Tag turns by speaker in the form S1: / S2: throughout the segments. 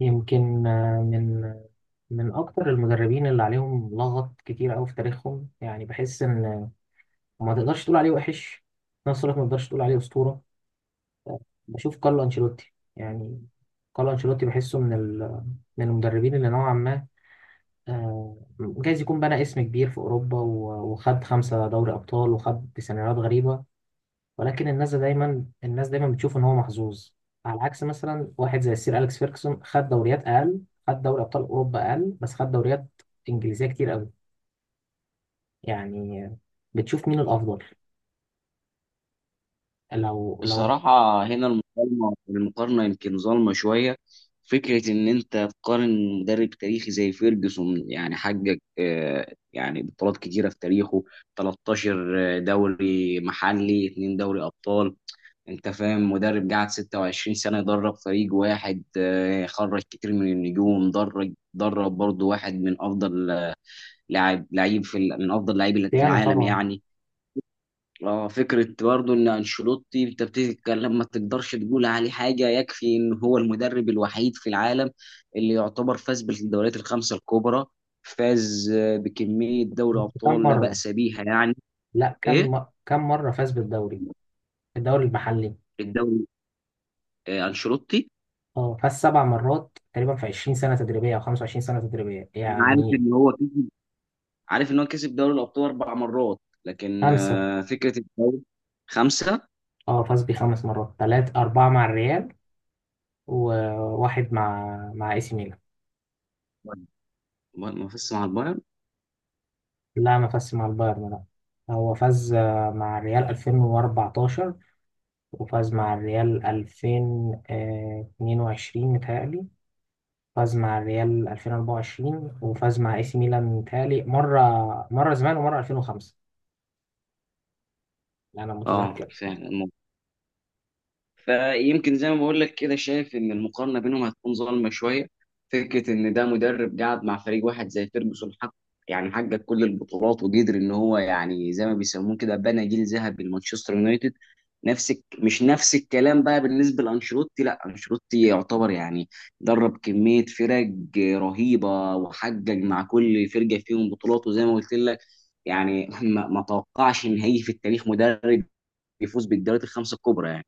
S1: يمكن من اكتر المدربين اللي عليهم لغط كتير قوي في تاريخهم، يعني بحس ان ما تقدرش تقول عليه وحش، في نفس الوقت ما تقدرش تقول عليه اسطوره. بشوف كارلو انشيلوتي، يعني كارلو انشيلوتي بحسه من المدربين اللي نوعا ما، جايز يكون بنى اسم كبير في اوروبا وخد خمسه دوري ابطال، وخد سيناريوهات غريبه. ولكن الناس دايما بتشوف ان هو محظوظ. على عكس مثلا واحد زي السير اليكس فيركسون، خد دوريات اقل، خد دوري ابطال اوروبا اقل، بس خد دوريات انجليزيه كتير قوي. يعني بتشوف مين الافضل؟ لو.
S2: بصراحة هنا المقارنة يمكن ظالمة شوية. فكرة إن أنت تقارن مدرب تاريخي زي فيرجسون، يعني حقق يعني بطولات كتيرة في تاريخه، 13 دوري محلي، 2 دوري أبطال. أنت فاهم؟ مدرب قعد 26 سنة يدرب فريق واحد، خرج كتير من النجوم، درب برضه واحد من أفضل لاعب لعيب في ال- من أفضل لعيبة
S1: بيانو
S2: العالم
S1: طبعا.
S2: يعني. اه، فكرة برضو ان انشيلوتي انت بتتكلم، ما تقدرش تقول عليه حاجة. يكفي ان هو المدرب الوحيد في العالم اللي يعتبر فاز بالدوريات الخمسة الكبرى، فاز بكمية دوري
S1: بس كم
S2: ابطال لا
S1: مره؟
S2: بأس بيها يعني.
S1: لا،
S2: ايه،
S1: كم مره فاز بالدوري؟ الدوري المحلي.
S2: الدوري، انشيلوتي.
S1: اه، فاز سبع مرات تقريبا في 20 سنه تدريبيه او 25 سنه تدريبيه
S2: أنا
S1: يعني.
S2: عارف ان هو كسب دوري الابطال 4 مرات. لكن
S1: خمسه.
S2: فكرة الدوري، 5.
S1: اه، فاز بخمس مرات، ثلاث اربعه مع الريال، وواحد مع اي سي ميلان.
S2: ما فزش مع البايرن.
S1: لا، ما فازش مع البايرن، لا. هو فاز، مع الريال 2014، وفاز مع الريال 2022 متهيألي، فاز مع الريال 2024، وفاز مع اي سي ميلان متهيألي مرة زمان، ومرة 2005، أنا
S2: اه
S1: متذكر.
S2: فعلا. فيمكن زي ما بقول لك كده، شايف ان المقارنه بينهم هتكون ظالمه شويه. فكره ان ده مدرب قاعد مع فريق واحد زي فيرجسون حق، يعني حقق كل البطولات وقدر ان هو يعني زي ما بيسموه كده بنى جيل ذهبي لمانشستر يونايتد. مش نفس الكلام بقى بالنسبه لانشيلوتي. لا، انشيلوتي يعتبر يعني درب كميه فرق رهيبه وحقق مع كل فرقه فيهم بطولات، وزي ما قلت لك يعني ما توقعش ان هيجي في التاريخ مدرب يفوز بالدوريات الخمسه الكبرى يعني.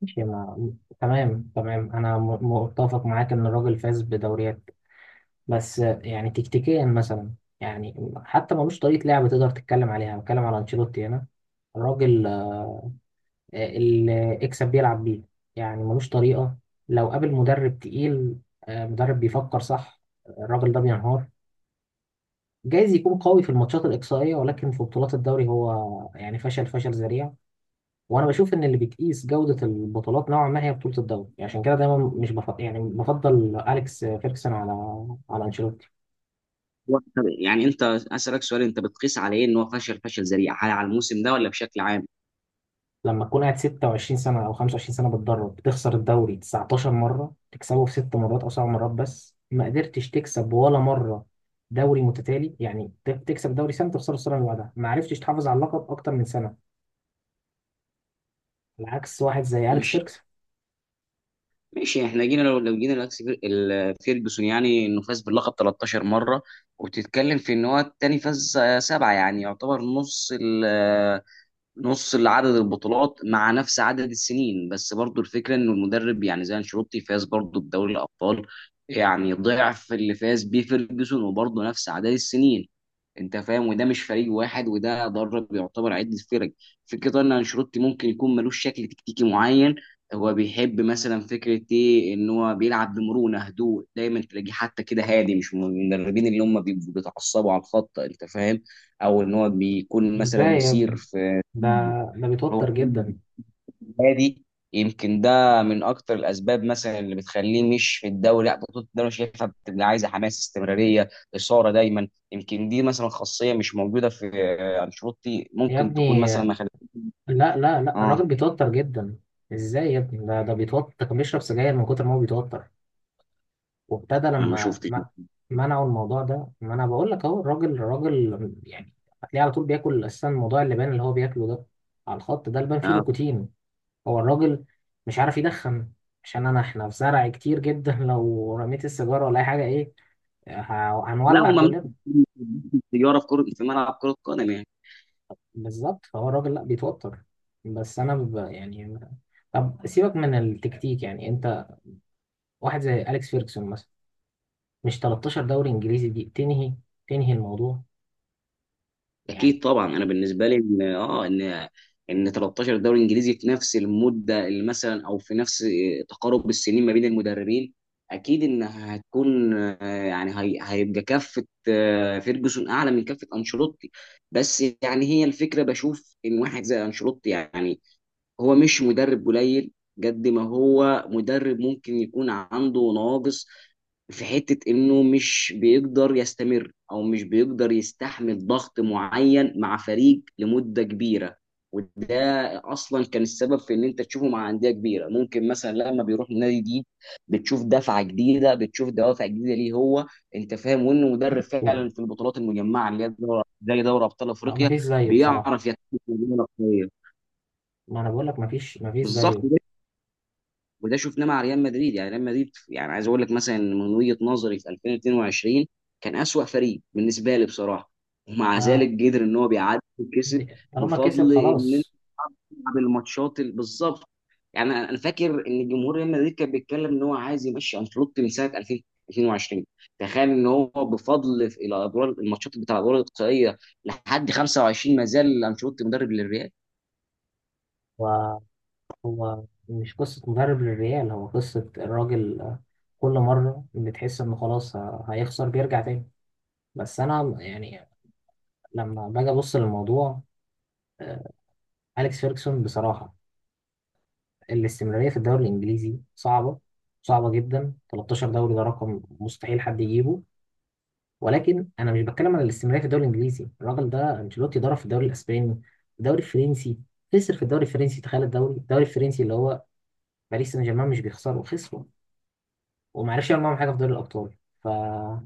S1: ماشي، ما... تمام تمام، أنا متفق معاك إن الراجل فاز بدوريات. بس يعني تكتيكيا مثلا، يعني حتى ملوش طريقة لعب تقدر تتكلم عليها. بتكلم على أنشيلوتي هنا، الراجل اللي اكسب بيلعب بيه. يعني ملوش طريقة. لو قابل مدرب تقيل، مدرب بيفكر صح، الراجل ده بينهار. جايز يكون قوي في الماتشات الإقصائية، ولكن في بطولات الدوري هو يعني فشل فشل ذريع. وأنا بشوف إن اللي بتقيس جودة البطولات نوعا ما هي بطولة الدوري، عشان كده دايما مش بفضل، يعني بفضل أليكس فيركسون على أنشيلوتي.
S2: هو يعني انت اسالك سؤال، انت بتقيس على ايه ان هو فشل فشل ذريع؟ هل على الموسم ده ولا بشكل عام؟
S1: لما تكون قاعد 26 سنة أو 25 سنة بتدرب، بتخسر الدوري 19 مرة، تكسبه في ست مرات أو سبع مرات، بس ما قدرتش تكسب ولا مرة دوري متتالي. يعني تكسب دوري سنة، تخسره السنة اللي بعدها، ما عرفتش تحافظ على اللقب أكتر من سنة، على عكس واحد زي أليكس
S2: مش
S1: فيركس.
S2: ماشي. احنا جينا، لو جينا فيرجسون، يعني انه فاز باللقب 13 مره، وبتتكلم في ان هو التاني فاز 7، يعني يعتبر نص عدد البطولات مع نفس عدد السنين. بس برضو الفكره ان المدرب يعني زي انشيلوتي فاز برضو بدوري الابطال يعني ضعف اللي فاز بيه فيرجسون، وبرضو نفس عدد السنين. انت فاهم؟ وده مش فريق واحد، وده درب يعتبر عده فرق. فكره ان انشيلوتي ممكن يكون ملوش شكل تكتيكي معين. هو بيحب مثلا فكره ايه؟ ان هو بيلعب بمرونه، هدوء، دايما تلاقيه حتى كده هادي، مش من المدربين اللي هم بيبقوا بيتعصبوا على الخط. انت فاهم؟ او ان هو بيكون
S1: ده
S2: مثلا
S1: يا
S2: مثير.
S1: ابني، ده ده
S2: هو
S1: بيتوتر جدا.
S2: هادي. يمكن ده من اكتر الاسباب مثلا اللي بتخليه مش في الدوري، لا بطوله الدوري شايفها بتبقى عايزه حماس، استمراريه، اثاره دايما. يمكن دي مثلا خاصيه مش موجوده في انشيلوتي،
S1: يا
S2: ممكن تكون
S1: ابني،
S2: مثلا ما خدت.
S1: لا لا لا،
S2: اه
S1: الراجل بيتوتر جدا. ازاي يا ابني، ده بيتوتر، كان بيشرب سجاير من كتر ما هو بيتوتر. وابتدى
S2: انا ما
S1: لما
S2: شفتش ده.
S1: منعوا الموضوع ده. ما انا بقول لك اهو، الراجل يعني هتلاقيه على طول بياكل، اساسا موضوع اللبان اللي هو بياكله ده على الخط، ده لبان فيه
S2: آه.
S1: نيكوتين. هو الراجل مش عارف يدخن، عشان احنا في زرع كتير جدا لو رميت السيجاره ولا اي حاجه، ايه،
S2: لا،
S1: هنولع
S2: وممنوع
S1: كلنا.
S2: تجاره في كره، في ملعب كره قدم.
S1: بالظبط. فهو الراجل لا بيتوتر. بس انا يعني طب سيبك من التكتيك، يعني انت واحد زي اليكس فيرجسون مثلا، مش 13 دوري انجليزي دي تنهي الموضوع يعني؟
S2: اكيد طبعا. انا بالنسبه لي ان اه ان 13 دوري انجليزي في نفس المده اللي مثلا او في نفس تقارب السنين ما بين المدربين، اكيد ان هتكون هيبقى كفه فيرجسون اعلى من كفه انشيلوتي. بس يعني هي الفكره بشوف ان واحد زي انشيلوتي يعني هو مش مدرب قليل. قد ما هو مدرب ممكن يكون عنده نواقص في حتة انه مش بيقدر يستمر، او مش بيقدر يستحمل ضغط معين مع فريق لمدة كبيرة، وده اصلا كان السبب في ان انت تشوفه مع انديه كبيره. ممكن مثلا لما بيروح نادي جديد، بتشوف دفعه جديده، بتشوف دوافع جديده ليه هو. انت فاهم؟ وانه مدرب فعلا في البطولات المجمعه اللي هي دوري زي دوري ابطال
S1: اه،
S2: افريقيا
S1: مفيش زيه بصراحة.
S2: بيعرف يتحكم في الأندية الأقوية.
S1: ما انا بقول لك مفيش
S2: بالظبط.
S1: زيه.
S2: وده شفناه مع ريال مدريد. يعني ريال مدريد يعني عايز اقول لك مثلا إن من وجهة نظري في 2022 كان أسوأ فريق بالنسبة لي بصراحة، ومع
S1: ما
S2: ذلك قدر ان هو بيعدي وكسب.
S1: طالما كسب
S2: بفضل ان انت
S1: خلاص.
S2: تلعب الماتشات بالظبط. يعني انا فاكر ان جمهور ريال مدريد كان بيتكلم ان هو عايز يمشي انشيلوتي من سنة 2022. تخيل ان هو بفضل في الادوار الماتشات بتاع الادوار الاقصائية لحد 25 ما زال انشيلوتي مدرب للريال.
S1: هو هو مش قصة مدرب للريال، هو قصة الراجل، كل مرة بتحس انه خلاص هيخسر، بيرجع تاني. بس انا يعني لما باجي ابص للموضوع، آه، اليكس فيرجسون بصراحة، الاستمرارية في الدوري الانجليزي صعبة صعبة جدا، 13 دوري ده رقم مستحيل حد يجيبه. ولكن انا مش بتكلم على الاستمراريه في الدوري الانجليزي. الراجل ده انشيلوتي ضرب في الدوري الاسباني، الدوري الفرنسي، خسر في الدوري الفرنسي. تخيل الدوري الفرنسي اللي هو باريس سان جيرمان، مش بيخسره، خسره، وما عرفش يعمل معاهم حاجه في دوري الابطال. ف هو.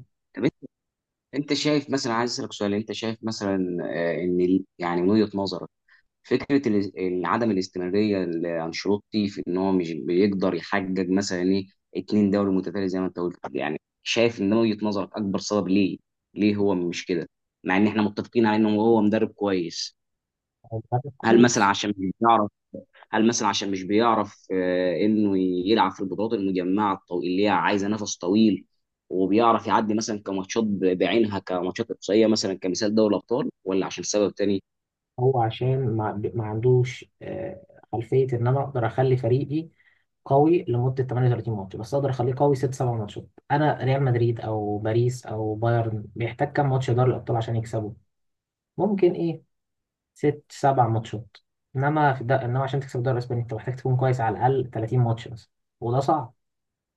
S2: انت شايف مثلا؟ عايز اسالك سؤال، انت شايف مثلا ان يعني من وجهه نظرك فكره عدم الاستمراريه لانشيلوتي في ان هو مش بيقدر يحقق مثلا ايه 2 دوري متتالي زي ما انت قلت؟ يعني شايف ان من وجهه نظرك اكبر سبب ليه؟ ليه هو مش كده مع ان احنا متفقين على انه هو مدرب كويس؟
S1: مدرب
S2: هل مثلا
S1: كويس.
S2: عشان مش بيعرف هل مثلا عشان مش بيعرف انه يلعب في البطولات المجمعه اللي هي عايزه نفس طويل، وبيعرف يعدي مثلا كماتشات بعينها، كماتشات اقصائيه مثلا كمثال دوري الابطال؟ ولا عشان سبب تاني؟
S1: هو عشان ما عندوش، خلفيه ان انا اقدر اخلي فريقي قوي لمده 38 ماتش. بس اقدر اخليه قوي 6 7 ماتشات. انا ريال مدريد او باريس او بايرن بيحتاج كام ماتش دوري الابطال عشان يكسبه؟ ممكن ايه، ست سبع ماتشات. انما في ده انما عشان تكسب الدوري الاسباني، انت محتاج تكون كويس على الاقل 30 ماتش مثلا، وده صعب.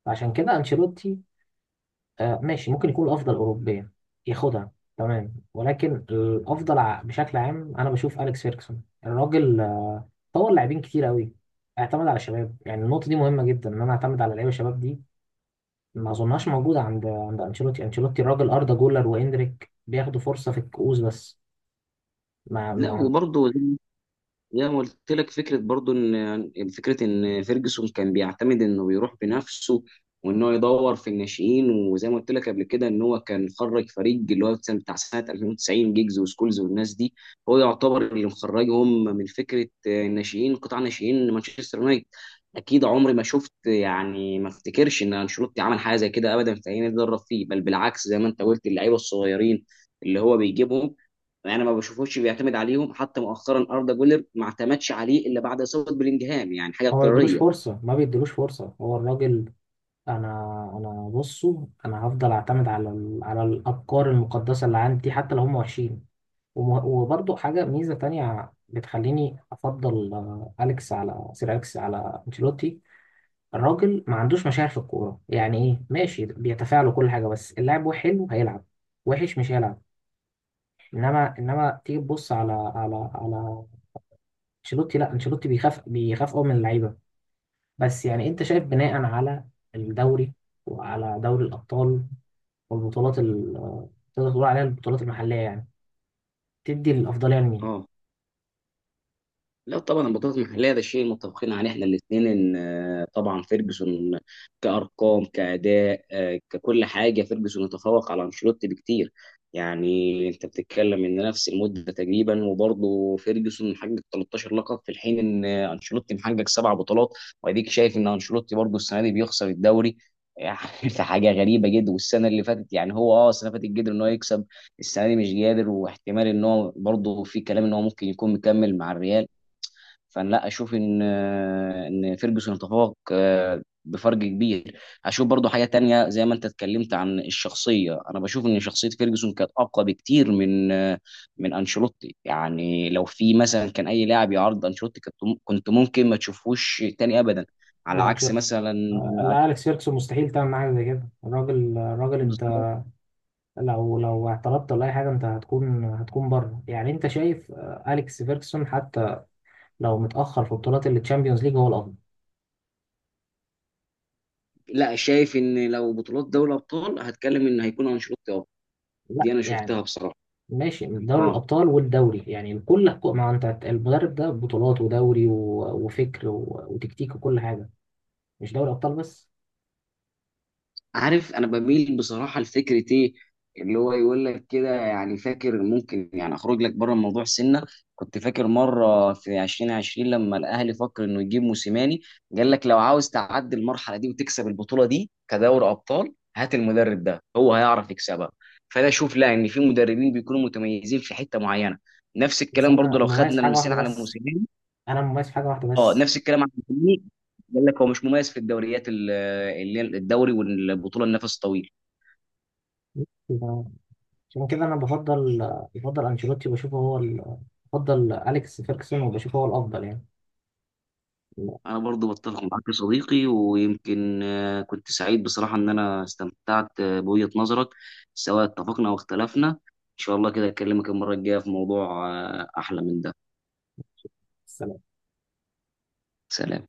S1: فعشان كده انشيلوتي، ماشي ممكن يكون الافضل اوروبيا، ياخدها. تمام. ولكن الافضل بشكل عام انا بشوف اليكس فيركسون. الراجل طور لاعبين كتير قوي، اعتمد على الشباب. يعني النقطه دي مهمه جدا، ان انا اعتمد على لعيبه الشباب. دي ما اظنهاش موجوده عند انشيلوتي. انشيلوتي الراجل اردا جولر واندريك بياخدوا فرصه في الكؤوس بس. ما
S2: لا
S1: ما
S2: وبرضه، زي ما قلت لك فكره برضو ان يعني فكره ان فيرجسون كان بيعتمد انه بيروح بنفسه وان هو يدور في الناشئين. وزي ما قلت لك قبل كده ان هو كان خرج فريق اللي هو بتاع سنه 2090، جيجز وسكولز والناس دي. هو يعتبر اللي مخرجهم من فكره الناشئين، قطاع ناشئين مانشستر يونايتد. اكيد عمري ما شفت يعني، ما افتكرش ان انشيلوتي عمل حاجه زي كده ابدا في اي نادي درب فيه. بل بالعكس زي ما انت قلت اللعيبه الصغيرين اللي هو بيجيبهم، يعني ما بشوفوش بيعتمد عليهم. حتى مؤخرا اردا جولر ما اعتمدش عليه الا بعد اصابه بلينجهام، يعني حاجه
S1: هو ما بيدلوش
S2: اضطراريه.
S1: فرصه، ما بيدلوش فرصه، هو الراجل. انا انا بصوا، هفضل اعتمد على على الافكار المقدسه اللي عندي، حتى لو هم وحشين. وبرضه حاجه ميزه تانية بتخليني افضل اليكس على سير اليكس على انشيلوتي. الراجل ما عندوش مشاعر في الكوره. يعني ايه، ماشي بيتفاعل وكل حاجه، بس اللاعب هو حلو هيلعب، وحش مش هيلعب. انما تيجي تبص على على انشيلوتي. لا، انشيلوتي بيخاف، بيخاف قوي من اللعيبه. بس يعني انت شايف، بناء على الدوري، وعلى دوري الابطال، والبطولات تقدر تقول عليها البطولات المحلية يعني، تدي الأفضلية لمين؟
S2: اه لا، طبعا البطولات المحليه ده شيء متفقين عليه احنا الاثنين. ان طبعا فيرجسون كارقام، كاداء، ككل حاجه، فيرجسون يتفوق على انشيلوتي بكتير. يعني انت بتتكلم ان نفس المده تقريبا وبرضه فيرجسون محقق 13 لقب في الحين ان انشيلوتي محقق 7 بطولات، واديك شايف ان انشيلوتي برضه السنه دي بيخسر الدوري. يعني حاجه غريبه جدا. والسنه اللي فاتت يعني هو اه السنه اللي فاتت قدر ان هو يكسب. السنه دي مش قادر، واحتمال ان هو برضه في كلام ان هو ممكن يكون مكمل مع الريال. فانا لا اشوف ان فيرجسون تفوق بفرق كبير. اشوف برضو حاجه تانية زي ما انت اتكلمت عن الشخصيه. انا بشوف ان شخصيه فيرجسون كانت اقوى بكتير من من انشيلوتي. يعني لو في مثلا كان اي لاعب يعرض انشيلوتي، كنت ممكن ما تشوفوش تاني ابدا، على عكس
S1: مانشستر.
S2: مثلا.
S1: لا، أليكس فيركسون مستحيل تعمل معاه زي كده. الراجل أنت،
S2: بالظبط.
S1: لو اعترضت ولا أي حاجة، أنت هتكون بره. يعني أنت شايف أليكس فيركسون، حتى لو متأخر في بطولات التشامبيونز ليج، هو الأفضل.
S2: لا شايف ان لو بطولات دوري ابطال هتكلم ان هيكون انشيلوتي افضل.
S1: لا
S2: دي انا
S1: يعني،
S2: شفتها بصراحه.
S1: ماشي، من دوري
S2: اه
S1: الأبطال والدوري يعني، كل ما أنت المدرب ده بطولات ودوري وفكر وتكتيك وكل حاجة، مش دوري أبطال بس.
S2: عارف انا بميل بصراحه لفكره ايه؟ اللي هو يقول لك كده، يعني فاكر ممكن يعني اخرج لك بره الموضوع سنه. كنت فاكر مره في 2020 لما الاهلي فكر انه يجيب موسيماني، قال لك لو عاوز تعدي المرحله دي وتكسب البطوله دي كدوري ابطال هات المدرب ده، هو هيعرف يكسبها. فانا اشوف لا، ان في مدربين بيكونوا متميزين في حته معينه. نفس
S1: بس
S2: الكلام برضو
S1: أنا
S2: لو
S1: مميز
S2: خدنا
S1: في حاجة
S2: المثال
S1: واحدة
S2: على
S1: بس.
S2: موسيماني.
S1: أنا مميز في حاجة واحدة
S2: اه،
S1: بس.
S2: نفس الكلام على موسيماني. قال لك هو مش مميز في الدوريات اللي هي الدوري والبطوله النفس الطويل.
S1: يبقى، عشان كده انا بفضل انشيلوتي وبشوفه هو بفضل اليكس فيركسون وبشوفه هو الافضل يعني.
S2: انا برضو بتفق معاك يا صديقي. ويمكن كنت سعيد بصراحة ان انا استمتعت بوجهة نظرك، سواء اتفقنا او اختلفنا. ان شاء الله كده اكلمك المرة الجاية في موضوع احلى من ده.
S1: السلام.
S2: سلام.